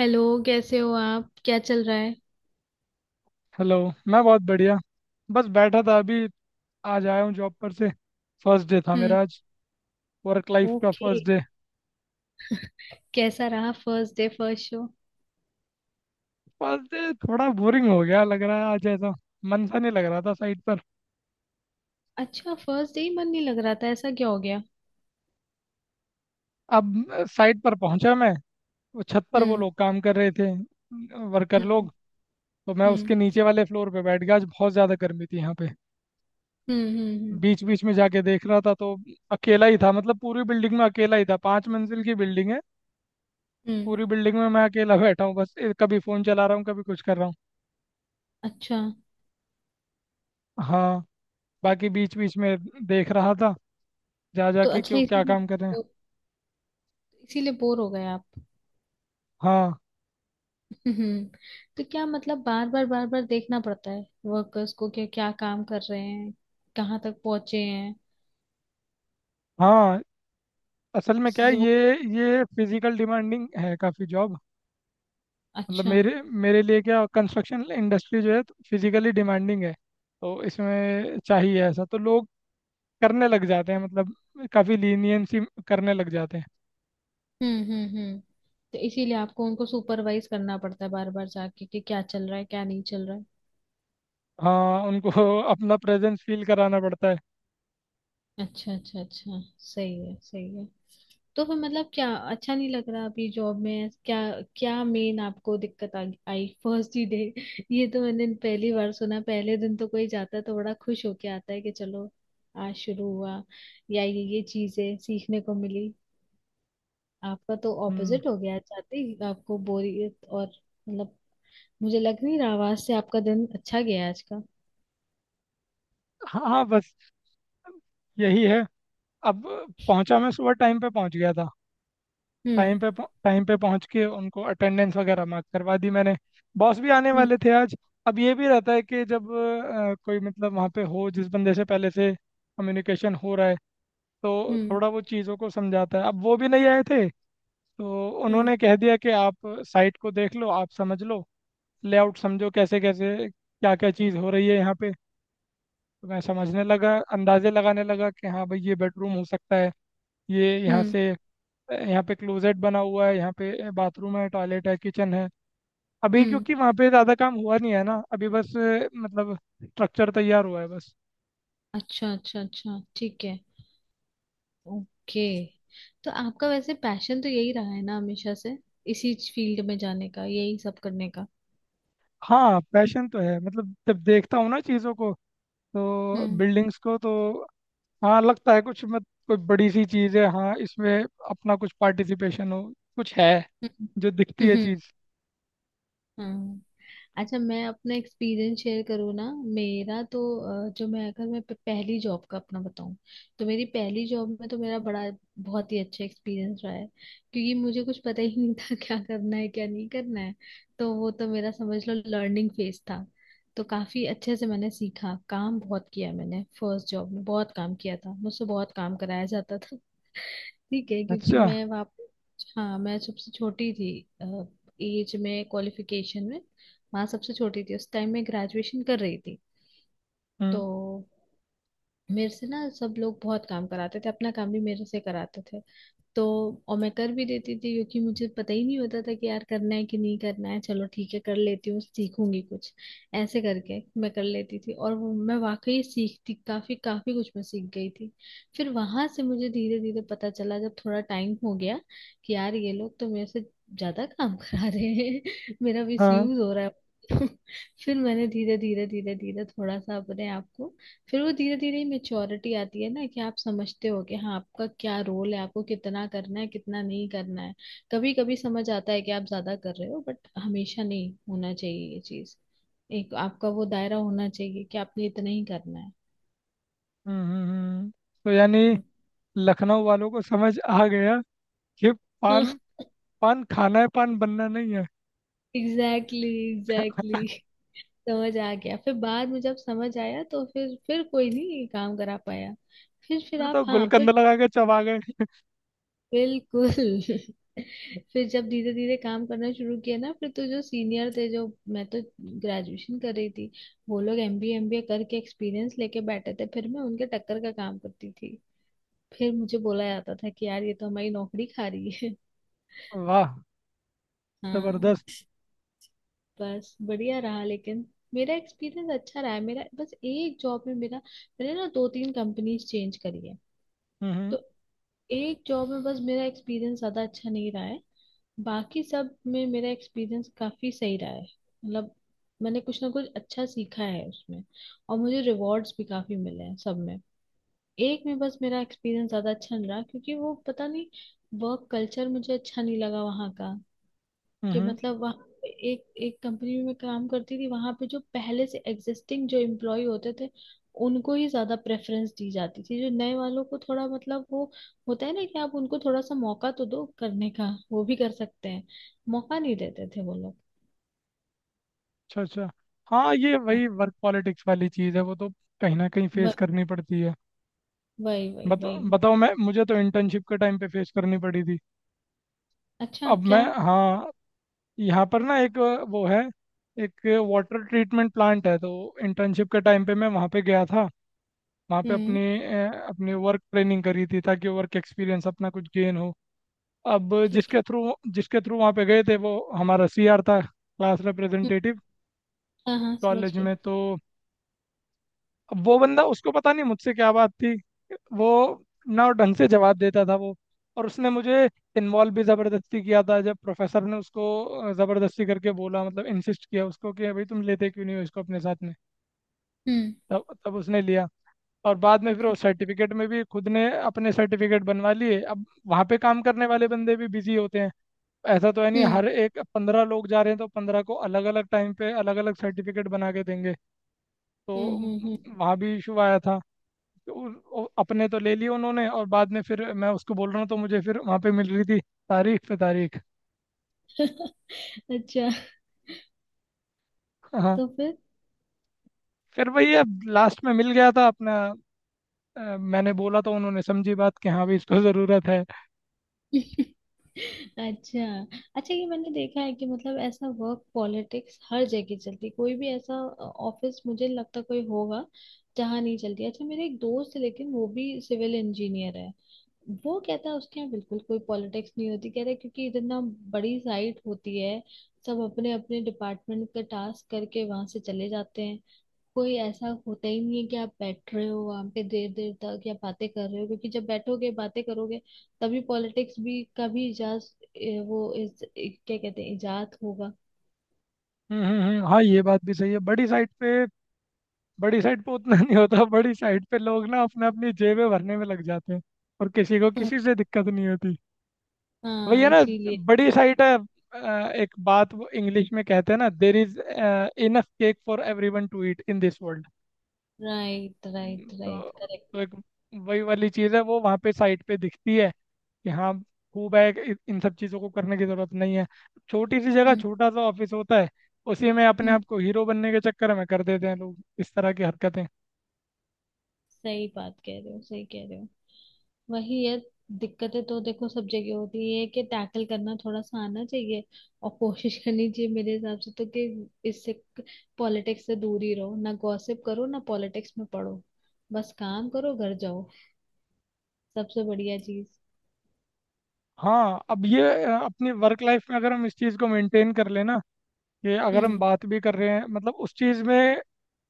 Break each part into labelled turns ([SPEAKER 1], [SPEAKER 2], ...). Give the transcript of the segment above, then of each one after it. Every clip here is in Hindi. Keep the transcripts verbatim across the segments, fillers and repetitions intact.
[SPEAKER 1] हेलो। कैसे हो आप? क्या चल रहा है?
[SPEAKER 2] हेलो। मैं बहुत बढ़िया, बस बैठा था अभी। आज आया हूँ जॉब पर से। फर्स्ट डे था
[SPEAKER 1] हम्म।
[SPEAKER 2] मेरा आज। वर्क लाइफ का
[SPEAKER 1] ओके।
[SPEAKER 2] First day.
[SPEAKER 1] कैसा रहा first day, first show?
[SPEAKER 2] First day थोड़ा बोरिंग हो गया लग रहा है आज ऐसा। मन सा नहीं लग रहा था साइट पर।
[SPEAKER 1] अच्छा, फर्स्ट डे ही मन नहीं लग रहा था? ऐसा क्या हो गया?
[SPEAKER 2] अब अ, साइट पर पहुंचा मैं। वो छत पर वो
[SPEAKER 1] हम्म,
[SPEAKER 2] लोग काम कर रहे थे, वर्कर
[SPEAKER 1] हम्म,
[SPEAKER 2] लोग। तो मैं
[SPEAKER 1] हम्म।
[SPEAKER 2] उसके नीचे वाले फ्लोर पे बैठ गया। आज बहुत ज़्यादा गर्मी थी यहाँ पे।
[SPEAKER 1] हम्म, हम्म, हम्म,
[SPEAKER 2] बीच बीच में जाके देख रहा था तो अकेला ही था। मतलब पूरी बिल्डिंग में अकेला ही था। पांच मंजिल की बिल्डिंग है।
[SPEAKER 1] हम्म।
[SPEAKER 2] पूरी बिल्डिंग में मैं अकेला बैठा हूँ बस। ए, कभी फ़ोन चला रहा हूँ, कभी कुछ कर रहा हूँ।
[SPEAKER 1] अच्छा।
[SPEAKER 2] हाँ, बाकी बीच बीच में देख रहा था जा
[SPEAKER 1] तो
[SPEAKER 2] जाके कि
[SPEAKER 1] अच्छा,
[SPEAKER 2] वो क्या
[SPEAKER 1] इसीलिए
[SPEAKER 2] काम कर रहे हैं।
[SPEAKER 1] इसीलिए बोर हो गए आप?
[SPEAKER 2] हाँ।
[SPEAKER 1] हम्म। तो क्या मतलब बार बार बार बार देखना पड़ता है वर्कर्स को, क्या क्या काम कर रहे हैं, कहाँ तक पहुंचे हैं?
[SPEAKER 2] हाँ, असल में क्या है
[SPEAKER 1] स-
[SPEAKER 2] ये
[SPEAKER 1] वो
[SPEAKER 2] ये फिजिकल डिमांडिंग है काफ़ी जॉब। मतलब
[SPEAKER 1] अच्छा।
[SPEAKER 2] मेरे मेरे लिए क्या, कंस्ट्रक्शन इंडस्ट्री जो है फिजिकली डिमांडिंग है। तो इसमें चाहिए ऐसा, तो लोग करने लग जाते हैं मतलब काफ़ी लीनियंसी करने लग जाते हैं।
[SPEAKER 1] हम्म, हम्म, हम्म। तो इसीलिए आपको उनको सुपरवाइज करना पड़ता है बार बार जाके कि क्या चल रहा है, क्या नहीं चल रहा है।
[SPEAKER 2] हाँ उनको अपना प्रेजेंस फील कराना पड़ता है।
[SPEAKER 1] अच्छा अच्छा अच्छा, सही है सही है। तो फिर मतलब क्या अच्छा नहीं लग रहा अभी जॉब में? क्या क्या मेन आपको दिक्कत आ, आई फर्स्ट ही डे? ये तो मैंने पहली बार सुना। पहले दिन तो कोई जाता है तो बड़ा खुश होके आता है कि चलो आज शुरू हुआ, या ये ये चीजें सीखने को मिली। आपका तो
[SPEAKER 2] हम्म।
[SPEAKER 1] ऑपोजिट हो गया, जाते ही आपको बोरियत और मतलब मुझे लग नहीं रहा आवाज से आपका दिन अच्छा गया है आज का।
[SPEAKER 2] हाँ हाँ, बस यही है। अब पहुंचा मैं, सुबह टाइम पे पहुंच गया था।
[SPEAKER 1] हम्म,
[SPEAKER 2] टाइम पे, टाइम पे पहुंच के उनको अटेंडेंस वगैरह मार्क करवा दी मैंने। बॉस भी आने
[SPEAKER 1] हम्म,
[SPEAKER 2] वाले थे आज। अब ये भी रहता है कि जब अ, कोई मतलब वहाँ पे हो जिस बंदे से पहले से कम्युनिकेशन हो रहा है तो
[SPEAKER 1] हम्म।
[SPEAKER 2] थोड़ा वो चीज़ों को समझाता है। अब वो भी नहीं आए थे, तो
[SPEAKER 1] हम्म,
[SPEAKER 2] उन्होंने कह दिया कि आप साइट को देख लो, आप समझ लो, लेआउट समझो कैसे कैसे क्या क्या चीज़ हो रही है यहाँ पे। तो मैं समझने लगा, अंदाजे लगाने लगा कि हाँ भाई ये बेडरूम हो सकता है, ये यहाँ
[SPEAKER 1] हम्म,
[SPEAKER 2] से, यहाँ पे क्लोजेट बना हुआ है, यहाँ पे बाथरूम है, टॉयलेट है, किचन है। अभी
[SPEAKER 1] हम्म।
[SPEAKER 2] क्योंकि वहाँ पे ज़्यादा काम हुआ नहीं है ना अभी बस, अ, मतलब स्ट्रक्चर तैयार हुआ है बस।
[SPEAKER 1] अच्छा अच्छा अच्छा, ठीक है। ओके। तो आपका वैसे पैशन तो यही रहा है ना हमेशा से, इसी फील्ड में जाने का, यही सब करने का?
[SPEAKER 2] हाँ पैशन तो है, मतलब जब देखता हूँ ना चीज़ों को, तो
[SPEAKER 1] हम्म,
[SPEAKER 2] बिल्डिंग्स को तो, हाँ लगता है कुछ मत, कोई बड़ी सी चीज़ है, हाँ इसमें अपना कुछ पार्टिसिपेशन हो, कुछ है
[SPEAKER 1] हम्म,
[SPEAKER 2] जो दिखती है
[SPEAKER 1] हम्म,
[SPEAKER 2] चीज़।
[SPEAKER 1] हम्म। अच्छा, मैं अपना एक्सपीरियंस शेयर करूँ ना। मेरा तो अ, जो मैं, अगर मैं प- पहली जॉब का अपना बताऊँ, तो मेरी पहली जॉब में तो मेरा बड़ा बहुत ही अच्छा एक्सपीरियंस रहा है, क्योंकि मुझे कुछ पता ही नहीं था क्या करना है क्या नहीं करना है। तो वो तो मेरा समझ लो लर्निंग फेज था। तो काफी अच्छे से मैंने सीखा, काम बहुत किया मैंने फर्स्ट जॉब में। बहुत काम किया था, मुझसे बहुत काम कराया जाता था। ठीक है क्योंकि
[SPEAKER 2] अच्छा।
[SPEAKER 1] मैं वाप, हाँ, मैं सबसे छोटी थी एज में, क्वालिफिकेशन में माँ सबसे छोटी थी। उस टाइम मैं ग्रेजुएशन कर रही थी।
[SPEAKER 2] हम्म।
[SPEAKER 1] तो मेरे से ना सब लोग बहुत काम कराते थे, अपना काम भी मेरे से कराते थे। तो और मैं कर भी देती थी क्योंकि मुझे पता ही नहीं होता था कि यार करना है कि नहीं करना है, चलो ठीक है कर लेती हूँ, सीखूंगी कुछ। ऐसे करके मैं कर लेती थी और वो मैं वाकई सीखती, काफी काफी कुछ मैं सीख गई थी। फिर वहां से मुझे धीरे धीरे पता चला जब थोड़ा टाइम हो गया, कि यार ये लोग तो मेरे से ज्यादा काम करा रहे हैं, मेरा मिस
[SPEAKER 2] हाँ।
[SPEAKER 1] यूज हो रहा है। फिर मैंने धीरे धीरे धीरे धीरे थोड़ा सा अपने आप को, फिर वो धीरे धीरे मेच्योरिटी आती है ना, कि आप समझते हो कि हाँ आपका क्या रोल है, आपको कितना करना है कितना नहीं करना है। कभी कभी समझ आता है कि आप ज्यादा कर रहे हो, बट हमेशा नहीं होना चाहिए ये चीज। एक आपका वो दायरा होना चाहिए कि आपने इतना ही करना है।
[SPEAKER 2] हम्म हम्म हम्म। तो यानी लखनऊ वालों को समझ आ गया कि पान, पान खाना है पान बनना नहीं है।
[SPEAKER 1] Exactly, exactly. समझ आ गया फिर बाद में जब समझ आया, तो फिर फिर कोई नहीं काम करा पाया। फिर फिर
[SPEAKER 2] फिर
[SPEAKER 1] आप,
[SPEAKER 2] तो
[SPEAKER 1] हाँ फिर
[SPEAKER 2] गुलकंद लगा के चबा गए।
[SPEAKER 1] बिल्कुल। फिर जब धीरे धीरे काम करना शुरू किया ना, फिर तो जो सीनियर थे, जो, मैं तो ग्रेजुएशन कर रही थी, वो लोग एमबीए एमबीए करके एक्सपीरियंस लेके बैठे थे, फिर मैं उनके टक्कर का काम करती थी। फिर मुझे बोला जाता था कि यार ये तो हमारी नौकरी खा रही है।
[SPEAKER 2] वाह,
[SPEAKER 1] हाँ,
[SPEAKER 2] जबरदस्त।
[SPEAKER 1] बस बढ़िया रहा लेकिन। मेरा एक्सपीरियंस अच्छा रहा है, मेरा बस एक जॉब में मेरा, मैंने ना दो तीन कंपनीज चेंज करी है।
[SPEAKER 2] हम्म
[SPEAKER 1] तो एक जॉब में बस मेरा एक्सपीरियंस ज्यादा अच्छा नहीं रहा है, बाकी सब में मेरा एक्सपीरियंस काफी सही रहा है। मतलब मैंने कुछ ना कुछ अच्छा सीखा है उसमें, और मुझे रिवॉर्ड्स भी काफी मिले हैं सब में। एक में बस मेरा एक्सपीरियंस ज्यादा अच्छा नहीं रहा, क्योंकि वो पता नहीं, वर्क कल्चर मुझे अच्छा नहीं लगा वहाँ का। कि
[SPEAKER 2] हम्म।
[SPEAKER 1] मतलब वहाँ एक एक कंपनी में मैं काम करती थी, वहां पे जो पहले से एग्जिस्टिंग जो एम्प्लॉय होते थे, उनको ही ज्यादा प्रेफरेंस दी जाती थी। जो नए वालों को थोड़ा मतलब वो होता है ना कि आप उनको थोड़ा सा मौका तो दो करने का, वो भी कर सकते हैं, मौका नहीं देते थे वो लोग।
[SPEAKER 2] अच्छा अच्छा, हाँ ये
[SPEAKER 1] हाँ,
[SPEAKER 2] वही वर्क पॉलिटिक्स वाली चीज़ है, वो तो कहीं ना कहीं फेस
[SPEAKER 1] व-
[SPEAKER 2] करनी पड़ती है।
[SPEAKER 1] वही वही
[SPEAKER 2] बताओ
[SPEAKER 1] वही
[SPEAKER 2] बताओ, मैं, मुझे तो इंटर्नशिप के टाइम पे फेस करनी पड़ी थी।
[SPEAKER 1] अच्छा,
[SPEAKER 2] अब
[SPEAKER 1] क्या?
[SPEAKER 2] मैं, हाँ, यहाँ पर ना एक अ, वो है, एक वाटर ट्रीटमेंट प्लांट है तो। इंटर्नशिप के टाइम पे मैं वहाँ पे गया था, वहाँ पे
[SPEAKER 1] हम्म।
[SPEAKER 2] अपनी अ, अपनी वर्क ट्रेनिंग करी थी ताकि वर्क एक्सपीरियंस अपना कुछ गेन हो। अब
[SPEAKER 1] ठीक है।
[SPEAKER 2] जिसके थ्रू, जिसके थ्रू वहाँ पे गए थे वो हमारा सीआर था, क्लास
[SPEAKER 1] हम्म,
[SPEAKER 2] रिप्रेजेंटेटिव
[SPEAKER 1] हाँ हाँ, समझ
[SPEAKER 2] कॉलेज
[SPEAKER 1] गई।
[SPEAKER 2] में तो। अब वो बंदा, उसको पता नहीं मुझसे क्या बात थी, वो ना ढंग से जवाब देता था वो। और उसने मुझे इन्वॉल्व भी ज़बरदस्ती किया था जब प्रोफेसर ने उसको ज़बरदस्ती करके बोला, मतलब इंसिस्ट किया उसको कि भाई तुम लेते क्यों नहीं हो इसको अपने साथ में।
[SPEAKER 1] हम्म,
[SPEAKER 2] तब तब उसने लिया। और बाद में फिर वो सर्टिफिकेट में भी खुद ने अपने सर्टिफिकेट बनवा लिए। अब वहाँ पे काम करने वाले बंदे भी बिजी होते हैं, ऐसा तो है नहीं।
[SPEAKER 1] हम्म,
[SPEAKER 2] हर एक पंद्रह लोग जा रहे हैं तो पंद्रह को अलग अलग टाइम पे अलग अलग सर्टिफिकेट बना के देंगे। तो
[SPEAKER 1] हम्म। हम्म, हम्म।
[SPEAKER 2] वहाँ भी इशू आया था। तो उ- उ- अपने तो ले लिए उन्होंने, और बाद में फिर मैं उसको बोल रहा हूँ तो मुझे फिर वहाँ पे मिल रही थी तारीख पे तारीख।
[SPEAKER 1] अच्छा।
[SPEAKER 2] हाँ।
[SPEAKER 1] तो फिर
[SPEAKER 2] फिर वही, अब लास्ट में मिल गया था अपना। अ, मैंने बोला तो उन्होंने समझी बात कि हाँ भाई इसको ज़रूरत है।
[SPEAKER 1] अच्छा अच्छा, ये मैंने देखा है कि मतलब ऐसा वर्क पॉलिटिक्स हर जगह चलती, कोई भी ऐसा ऑफिस मुझे नहीं लगता कोई होगा जहाँ नहीं चलती। अच्छा, मेरे एक दोस्त है लेकिन, वो भी सिविल इंजीनियर है। वो कहता है उसके यहाँ बिल्कुल कोई पॉलिटिक्स नहीं होती, कहता है क्योंकि इतना बड़ी साइट होती है, सब अपने अपने डिपार्टमेंट का टास्क करके वहां से चले जाते हैं। कोई ऐसा होता ही नहीं है कि आप बैठ रहे हो वहां पे देर देर तक, या बातें कर रहे हो, क्योंकि जब बैठोगे बातें करोगे, तभी पॉलिटिक्स भी का भी इजाज ए, वो इस ए, क्या कहते हैं, इजाद होगा।
[SPEAKER 2] हम्म हम्म हम्म, हाँ ये बात भी सही है। बड़ी साइट पे, बड़ी साइट पे उतना नहीं होता। बड़ी साइट पे लोग ना अपने अपनी जेबें भरने में लग जाते हैं और किसी को
[SPEAKER 1] हम्म।
[SPEAKER 2] किसी से दिक्कत नहीं होती। वही
[SPEAKER 1] हाँ
[SPEAKER 2] है ना,
[SPEAKER 1] इसीलिए।
[SPEAKER 2] बड़ी साइट है। अ, एक बात वो इंग्लिश में कहते हैं ना, there is enough cake for everyone to eat in this world.
[SPEAKER 1] Right right
[SPEAKER 2] तो
[SPEAKER 1] राइट,
[SPEAKER 2] तो
[SPEAKER 1] करेक्ट।
[SPEAKER 2] एक वही वाली चीज़ है, वो वहाँ पे साइट पे दिखती है कि हाँ खूब है, इ- इन सब चीज़ों को करने की ज़रूरत नहीं है। छोटी सी जगह
[SPEAKER 1] हम्म,
[SPEAKER 2] छोटा सा ऑफिस होता है, उसी में अपने
[SPEAKER 1] हम्म।
[SPEAKER 2] आप को हीरो बनने के चक्कर में कर देते हैं लोग इस तरह की हरकतें।
[SPEAKER 1] सही बात कह रहे हो, सही कह रहे हो। वही है। दिक्कतें तो देखो सब जगह होती है, ये है कि टैकल करना थोड़ा सा आना चाहिए, और कोशिश करनी चाहिए मेरे हिसाब से तो। कि इससे पॉलिटिक्स से दूर ही रहो, ना गॉसिप करो ना पॉलिटिक्स में पढ़ो। बस काम करो, घर जाओ, सबसे बढ़िया चीज।
[SPEAKER 2] हाँ अब ये, अ, अपनी वर्क लाइफ में अगर हम इस चीज़ को मेंटेन कर लेना कि अगर हम
[SPEAKER 1] हम्म।
[SPEAKER 2] बात भी कर रहे हैं मतलब उस चीज़ में,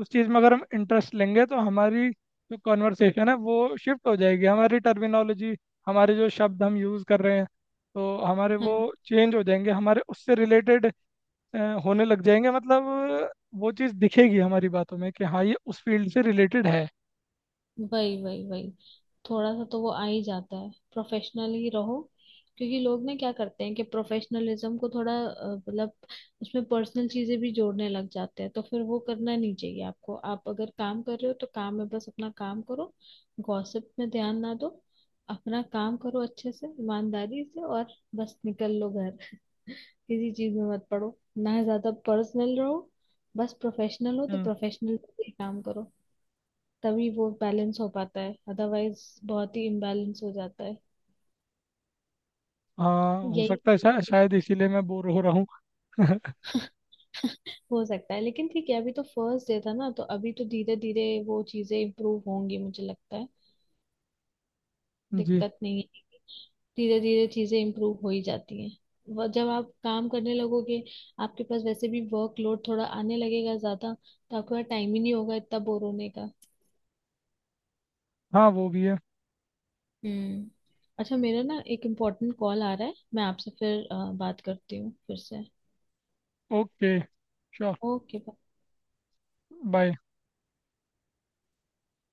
[SPEAKER 2] उस चीज़ में अगर हम इंटरेस्ट लेंगे तो हमारी जो कॉन्वर्सेशन है वो शिफ्ट हो जाएगी, हमारी टर्मिनोलॉजी, हमारे जो शब्द हम यूज़ कर रहे हैं तो हमारे वो
[SPEAKER 1] हाँ,
[SPEAKER 2] चेंज हो जाएंगे, हमारे उससे रिलेटेड होने लग जाएंगे। मतलब अ, वो चीज़ दिखेगी हमारी बातों में कि हाँ ये उस फील्ड से रिलेटेड है।
[SPEAKER 1] वही वही वही। थोड़ा सा तो वो आ ही जाता है। प्रोफेशनल ही रहो, क्योंकि लोग ना क्या करते हैं कि प्रोफेशनलिज्म को थोड़ा अ, मतलब उसमें पर्सनल चीजें भी जोड़ने लग जाते हैं। तो फिर वो करना नहीं चाहिए आपको। आप अगर काम कर रहे हो, तो काम में बस अपना काम करो, गॉसिप में ध्यान ना दो। अपना काम करो अच्छे से, ईमानदारी से, और बस निकल लो घर। किसी चीज में मत पड़ो, ना ज्यादा पर्सनल रहो। बस प्रोफेशनल हो तो
[SPEAKER 2] हम्म,
[SPEAKER 1] प्रोफेशनल काम करो, तभी वो बैलेंस हो पाता है। अदरवाइज बहुत ही इम्बैलेंस हो जाता है,
[SPEAKER 2] हाँ हो
[SPEAKER 1] यही
[SPEAKER 2] सकता है,
[SPEAKER 1] सारी
[SPEAKER 2] शा,
[SPEAKER 1] चीज़।
[SPEAKER 2] शायद इसीलिए मैं बोर हो रहा हूँ।
[SPEAKER 1] हो सकता है। लेकिन ठीक है, अभी तो फर्स्ट डे था ना, तो अभी तो धीरे धीरे वो चीजें इम्प्रूव होंगी, मुझे लगता है
[SPEAKER 2] जी।
[SPEAKER 1] दिक्कत नहीं है। धीरे धीरे चीजें इम्प्रूव हो ही जाती हैं। वह- जब आप काम करने लगोगे, आपके पास वैसे भी वर्कलोड थोड़ा आने लगेगा ज्यादा, तो आपके पास टाइम ही नहीं होगा इतना बोर होने का।
[SPEAKER 2] हाँ वो भी है।
[SPEAKER 1] हम्म। अच्छा, मेरा ना एक इम्पोर्टेंट कॉल आ रहा है, मैं आपसे फिर अ, बात करती हूँ फिर से।
[SPEAKER 2] Okay, sure,
[SPEAKER 1] okay.
[SPEAKER 2] बाय।